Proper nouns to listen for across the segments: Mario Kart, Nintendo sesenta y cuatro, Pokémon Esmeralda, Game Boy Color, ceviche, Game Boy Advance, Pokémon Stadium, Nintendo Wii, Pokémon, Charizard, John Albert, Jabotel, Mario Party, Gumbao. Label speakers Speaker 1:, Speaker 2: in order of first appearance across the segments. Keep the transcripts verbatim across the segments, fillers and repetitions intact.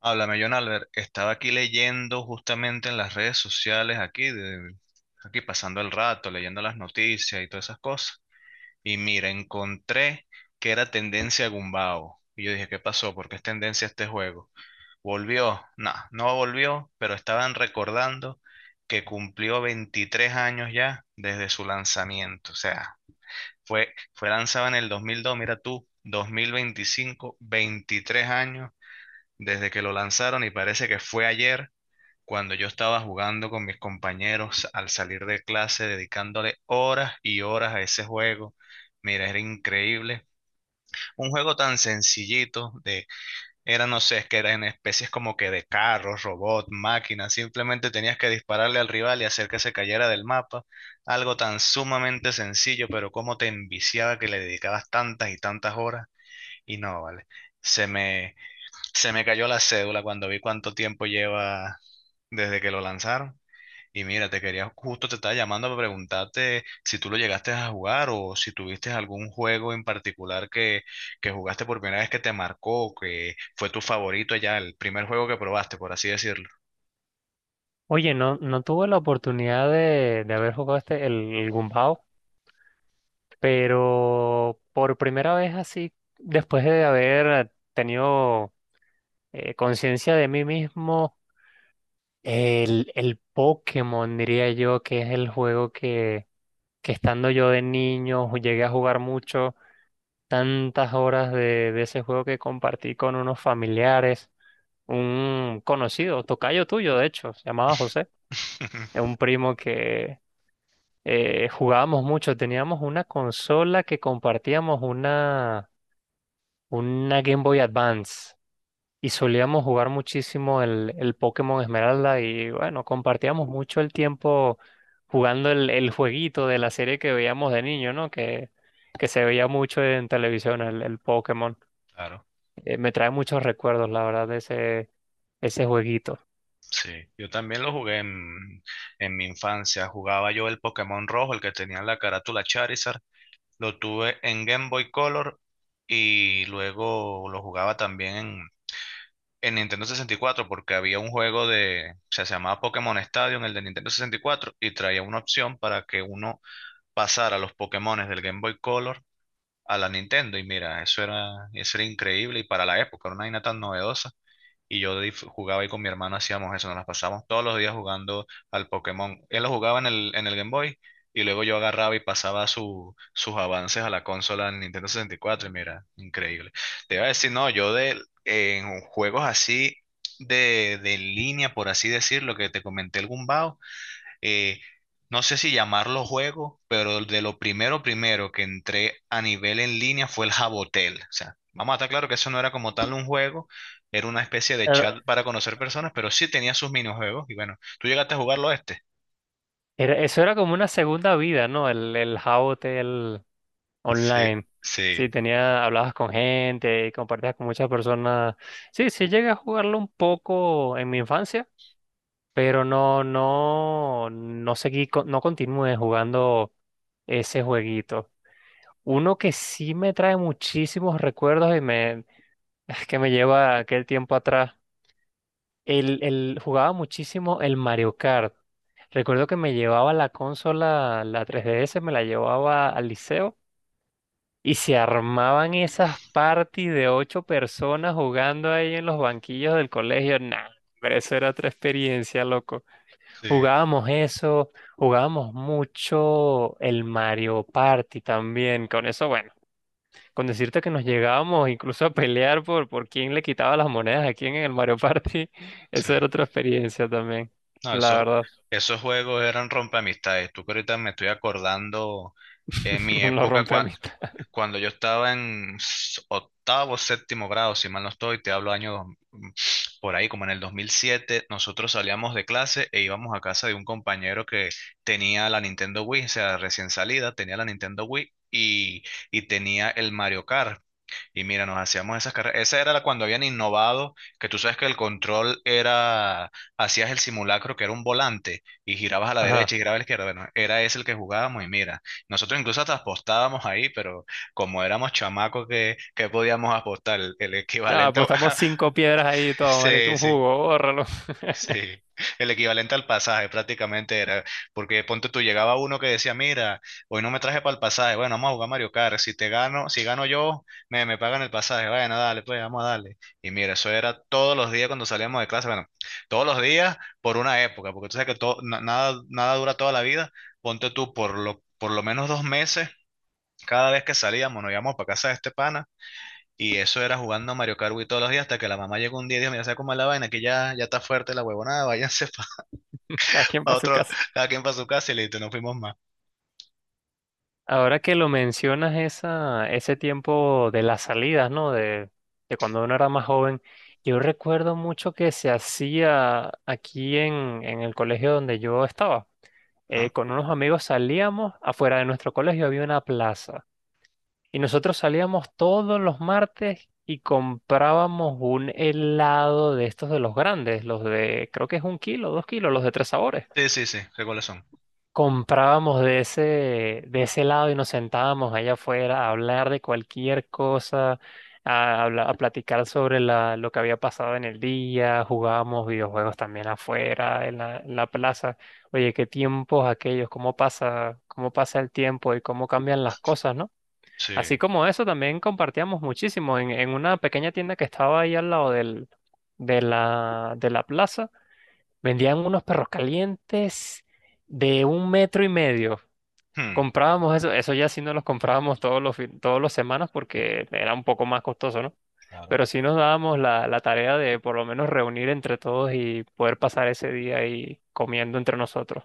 Speaker 1: Háblame, John Albert. Estaba aquí leyendo justamente en las redes sociales, aquí, de- aquí pasando el rato, leyendo las noticias y todas esas cosas. Y mira, encontré que era tendencia Gumbao. Y yo dije, ¿qué pasó? ¿Por qué es tendencia este juego? ¿Volvió? No, no volvió, pero estaban recordando que cumplió veintitrés años ya desde su lanzamiento. O sea, fue, fue lanzado en el dos mil dos, mira tú, dos mil veinticinco, veintitrés años desde que lo lanzaron, y parece que fue ayer cuando yo estaba jugando con mis compañeros al salir de clase, dedicándole horas y horas a ese juego. Mira, era increíble. Un juego tan sencillito de, era, no sé, es que eran especies como que de carros, robots, máquinas. Simplemente tenías que dispararle al rival y hacer que se cayera del mapa. Algo tan sumamente sencillo, pero cómo te enviciaba, que le dedicabas tantas y tantas horas. Y no, vale. Se me, se me cayó la cédula cuando vi cuánto tiempo lleva desde que lo lanzaron. Y mira, te quería, justo te estaba llamando, para preguntarte si tú lo llegaste a jugar, o si tuviste algún juego en particular que, que jugaste por primera vez, que te marcó, que fue tu favorito ya, el primer juego que probaste, por así decirlo.
Speaker 2: Oye, no, no tuve la oportunidad de, de haber jugado este, el, el Gumbao, pero por primera vez así, después de haber tenido eh, conciencia de mí mismo, el, el Pokémon, diría yo, que es el juego que, que estando yo de niño llegué a jugar mucho, tantas horas de, de ese juego que compartí con unos familiares, un conocido, tocayo tuyo, de hecho, se llamaba José, un primo que eh, jugábamos mucho, teníamos una consola que compartíamos una, una Game Boy Advance y solíamos jugar muchísimo el, el Pokémon Esmeralda y bueno, compartíamos mucho el tiempo jugando el, el jueguito de la serie que veíamos de niño, ¿no? Que, que se veía mucho en televisión, el, el Pokémon.
Speaker 1: Claro,
Speaker 2: Eh, me trae muchos recuerdos, la verdad, de ese, ese jueguito.
Speaker 1: sí. Yo también lo jugué en, en mi infancia. Jugaba yo el Pokémon rojo, el que tenía la carátula Charizard. Lo tuve en Game Boy Color y luego lo jugaba también en, en Nintendo sesenta y cuatro, porque había un juego de, o sea, se llamaba Pokémon Stadium, el de Nintendo sesenta y cuatro, y traía una opción para que uno pasara los Pokémones del Game Boy Color a la Nintendo. Y mira, eso era, eso era increíble, y para la época era una vaina tan novedosa, y yo dif- jugaba ahí con mi hermano, hacíamos eso, nos las pasábamos todos los días jugando al Pokémon. Él lo jugaba en el, en el, Game Boy, y luego yo agarraba y pasaba su- sus avances a la consola en Nintendo sesenta y cuatro y cuatro, y mira, increíble. Te iba a decir, no, yo de, en juegos así de, de línea, por así decirlo, que te comenté el Gumbao, eh, no sé si llamarlo juego, pero de lo primero, primero que entré a nivel en línea fue el Jabotel. O sea, vamos a estar claro que eso no era como tal un juego, era una especie de
Speaker 2: Era-
Speaker 1: chat para conocer personas, pero sí tenía sus minijuegos. Y bueno, ¿tú llegaste a jugarlo, este?
Speaker 2: era- Eso era como una segunda vida, ¿no? El, el jabote, el
Speaker 1: Sí,
Speaker 2: Online.
Speaker 1: sí,
Speaker 2: Sí, tenía, hablabas con gente y compartías con muchas personas. Sí, sí llegué a jugarlo un poco en mi infancia, pero no, no, no seguí, co- no continué jugando ese jueguito. Uno que sí me trae muchísimos recuerdos y me, que me lleva a aquel tiempo atrás. El, el, jugaba muchísimo el Mario Kart. Recuerdo que me llevaba la consola, la tres D S, me la llevaba al liceo y se armaban esas parties de ocho personas jugando ahí en los banquillos del colegio. Nah, pero eso era otra experiencia, loco.
Speaker 1: sí,
Speaker 2: Jugábamos eso, jugábamos mucho el Mario Party también. Con eso, bueno, con decirte que nos llegábamos incluso a pelear por, por quién le quitaba las monedas a quién en el Mario Party,
Speaker 1: sí.
Speaker 2: eso era otra experiencia también,
Speaker 1: No,
Speaker 2: la
Speaker 1: esos,
Speaker 2: verdad.
Speaker 1: esos juegos eran rompeamistades. Tú, que ahorita me estoy acordando, en mi
Speaker 2: Lo
Speaker 1: época
Speaker 2: rompe
Speaker 1: cua-
Speaker 2: amistad.
Speaker 1: cuando yo estaba en s- octavo, séptimo grado, si mal no estoy, te hablo año dos- mm, por ahí, como en el dos mil siete, nosotros salíamos de clase e íbamos a casa de un compañero que tenía la Nintendo Wii. O sea, recién salida, tenía la Nintendo Wii, y, y tenía el Mario Kart. Y mira, nos hacíamos esas carreras. Esa era la, cuando habían innovado, que tú sabes que el control era, hacías el simulacro que era un volante y girabas a la derecha
Speaker 2: Ajá.
Speaker 1: y girabas a la izquierda. Bueno, era ese el que jugábamos, y mira, nosotros incluso hasta apostábamos ahí, pero como éramos chamacos que, que podíamos apostar, el, el
Speaker 2: No,
Speaker 1: equivalente a...
Speaker 2: apostamos cinco piedras ahí y todo, malito,
Speaker 1: Sí,
Speaker 2: un
Speaker 1: sí.
Speaker 2: jugo, bórralo.
Speaker 1: Sí, el equivalente al pasaje, prácticamente era, porque ponte tú, llegaba uno que decía, mira, hoy no me traje para el pasaje, bueno, vamos a jugar Mario Kart, si te gano, si gano yo, me, me pagan el pasaje, bueno, dale, pues vamos a darle. Y mira, eso era todos los días cuando salíamos de clase, bueno, todos los días por una época, porque tú sabes que todo, na- nada, nada dura toda la vida, ponte tú, por lo, por lo menos dos meses, cada vez que salíamos, nos íbamos para casa de este pana. Y eso era jugando Mario Kart Wii todos los días, hasta que la mamá llegó un día y dijo, mira, ¿sabes cómo es la vaina? Que ya, ya está fuerte la huevonada, váyanse
Speaker 2: Cada quien
Speaker 1: para
Speaker 2: para su
Speaker 1: otro,
Speaker 2: casa.
Speaker 1: cada quien para su casa, y listo, no fuimos más.
Speaker 2: Ahora que lo mencionas, esa, ese tiempo de las salidas, ¿no? De, de cuando uno era más joven, yo recuerdo mucho que se hacía aquí en, en el colegio donde yo estaba. Eh,
Speaker 1: Ajá.
Speaker 2: con unos amigos salíamos, afuera de nuestro colegio había una plaza. Y nosotros salíamos todos los martes y comprábamos un helado de estos de los grandes, los de, creo que es un kilo, dos kilos, los de tres sabores.
Speaker 1: Sí, sí, sí, sé cuáles son.
Speaker 2: Comprábamos de ese, de ese lado y nos sentábamos allá afuera a hablar de cualquier cosa, a, habla- a platicar sobre la, lo que había pasado en el día, jugábamos videojuegos también afuera, en la, en la plaza. Oye, qué tiempos aquellos, cómo pasa, cómo pasa el tiempo y cómo cambian las cosas, ¿no?
Speaker 1: Sí.
Speaker 2: Así como eso, también compartíamos muchísimo en, en una pequeña tienda que estaba ahí al lado del, de la, de la plaza. Vendían unos perros calientes de un metro y medio.
Speaker 1: Hmm,
Speaker 2: Comprábamos eso, eso ya sí no los comprábamos todos los, fin- todos los semanas porque era un poco más costoso, ¿no?
Speaker 1: claro.
Speaker 2: Pero sí nos dábamos la, la tarea de por lo menos reunir entre todos y poder pasar ese día ahí comiendo entre nosotros.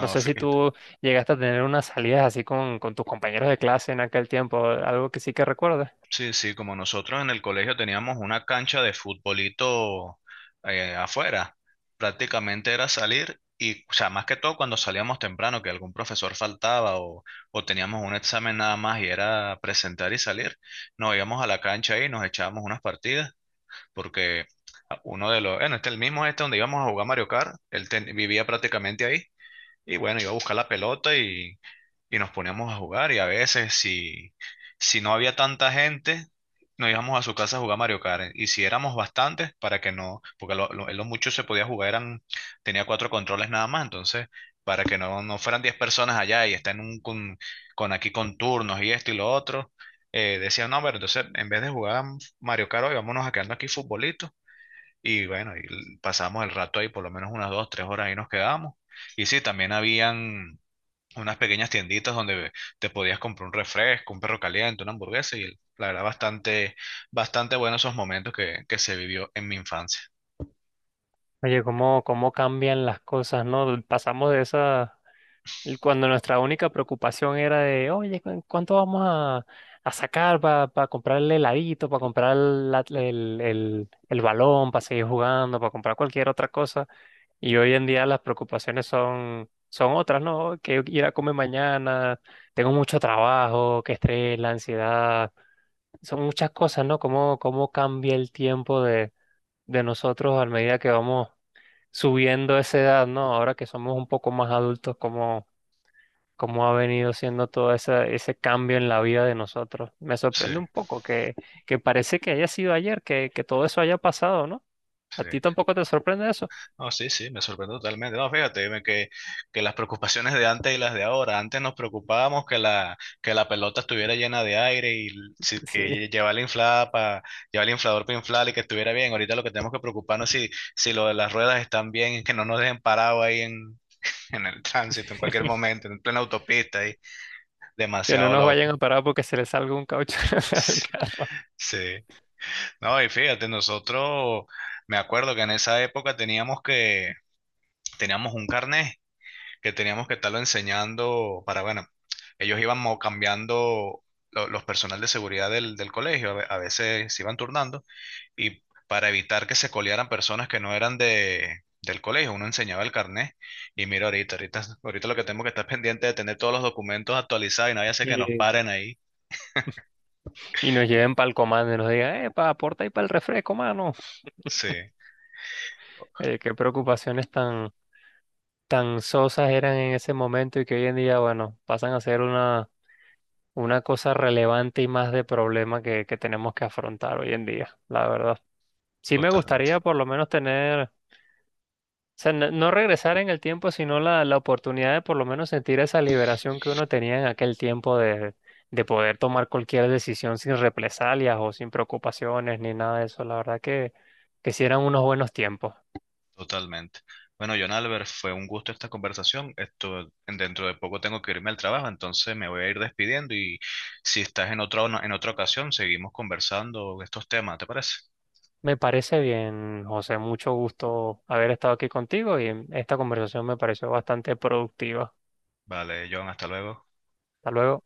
Speaker 2: No sé si
Speaker 1: fíjate.
Speaker 2: tú llegaste a tener unas salidas así con, con tus compañeros de clase en aquel tiempo, algo que sí que recuerdes.
Speaker 1: Sí, sí, como nosotros en el colegio teníamos una cancha de futbolito eh, afuera, prácticamente era salir y, o sea, más que todo cuando salíamos temprano, que algún profesor faltaba o, o teníamos un examen nada más y era presentar y salir, nos íbamos a la cancha ahí y nos echábamos unas partidas, porque uno de los, bueno, este, el mismo, este donde íbamos a jugar Mario Kart, él ten- vivía prácticamente ahí. Y bueno, iba a buscar la pelota, y, y nos poníamos a jugar. Y a veces, si, si no había tanta gente, nos íbamos a su casa a jugar Mario Kart. Y si éramos bastantes, para que no, porque lo, lo, lo mucho se podía jugar, eran, tenía cuatro controles nada más. Entonces, para que no, no fueran diez personas allá y estén un, con, con, aquí con turnos y esto y lo otro, eh, decían, no, pero entonces, en vez de jugar Mario Kart, hoy vámonos a quedarnos aquí futbolito, y bueno, y pasamos el rato ahí, por lo menos unas dos, tres horas ahí nos quedamos. Y sí, también habían unas pequeñas tienditas donde te podías comprar un refresco, un perro caliente, una hamburguesa, y la verdad, bastante, bastante bueno esos momentos que, que se vivió en mi infancia.
Speaker 2: Oye, cómo, cómo cambian las cosas, ¿no? Pasamos de esa. Y cuando nuestra única preocupación era de, oye, ¿cu- ¿cuánto vamos a, a sacar para comprar el heladito, para comprar la- el, el- el balón, para seguir jugando, para comprar cualquier otra cosa? Y hoy en día las preocupaciones son, son otras, ¿no? Que ir a comer mañana, tengo mucho trabajo, que estrés, la ansiedad, son muchas cosas, ¿no? ¿Cómo, cómo cambia el tiempo de, de nosotros a medida que vamos subiendo esa edad? ¿No? Ahora que somos un poco más adultos, cómo ha venido siendo todo esa- ese cambio en la vida de nosotros. Me
Speaker 1: Sí,
Speaker 2: sorprende un poco que, que parece que haya sido ayer, que, que todo eso haya pasado, ¿no? ¿A
Speaker 1: sí.
Speaker 2: ti tampoco te sorprende eso?
Speaker 1: No, sí, sí, me sorprende totalmente. No, fíjate, dime que, que las preocupaciones de antes y las de ahora. Antes nos preocupábamos que la, que la pelota estuviera llena de aire, y si- que
Speaker 2: Sí.
Speaker 1: lle- llevarla inflada, para llevar el inflador para inflar y que estuviera bien. Ahorita lo que tenemos que preocuparnos es si, si lo de las ruedas están bien, y que no nos dejen parado ahí en, en el tránsito, en cualquier momento, en plena autopista, ahí.
Speaker 2: Que no
Speaker 1: Demasiado
Speaker 2: nos vayan
Speaker 1: loco.
Speaker 2: a parar porque se les salga un caucho al carro
Speaker 1: Sí. No, y fíjate, nosotros, me acuerdo que en esa época teníamos que, teníamos un carnet que teníamos que estarlo enseñando para, bueno, ellos iban mo- cambiando lo- los personal de seguridad del, del colegio. A ve- a veces se iban turnando, y para evitar que se colearan personas que no eran de, del colegio, uno enseñaba el carnet, y mira, ahorita, ahorita, ahorita, lo que tenemos que estar pendiente de tener todos los documentos actualizados y nadie hace que nos
Speaker 2: y,
Speaker 1: paren ahí.
Speaker 2: y nos lleven para el comando y nos digan, eh, pa, aporta ahí para el refresco, mano.
Speaker 1: Sí,
Speaker 2: Eh, qué preocupaciones tan, tan sosas eran en ese momento y que hoy en día, bueno, pasan a ser una, una cosa relevante y más de problema que, que tenemos que afrontar hoy en día, la verdad. Sí me
Speaker 1: totalmente.
Speaker 2: gustaría por lo menos tener, o sea, no, no regresar en el tiempo, sino la, la oportunidad de por lo menos sentir esa liberación que uno tenía en aquel tiempo de, de poder tomar cualquier decisión sin represalias o sin preocupaciones ni nada de eso. La verdad que, que sí eran unos buenos tiempos.
Speaker 1: Totalmente. Bueno, John Albert, fue un gusto esta conversación. Esto, dentro de poco tengo que irme al trabajo, entonces me voy a ir despidiendo, y si estás en otra, en otra, ocasión, seguimos conversando estos temas, ¿te parece?
Speaker 2: Me parece bien, José, mucho gusto haber estado aquí contigo y esta conversación me pareció bastante productiva.
Speaker 1: Vale, John, hasta luego.
Speaker 2: Hasta luego.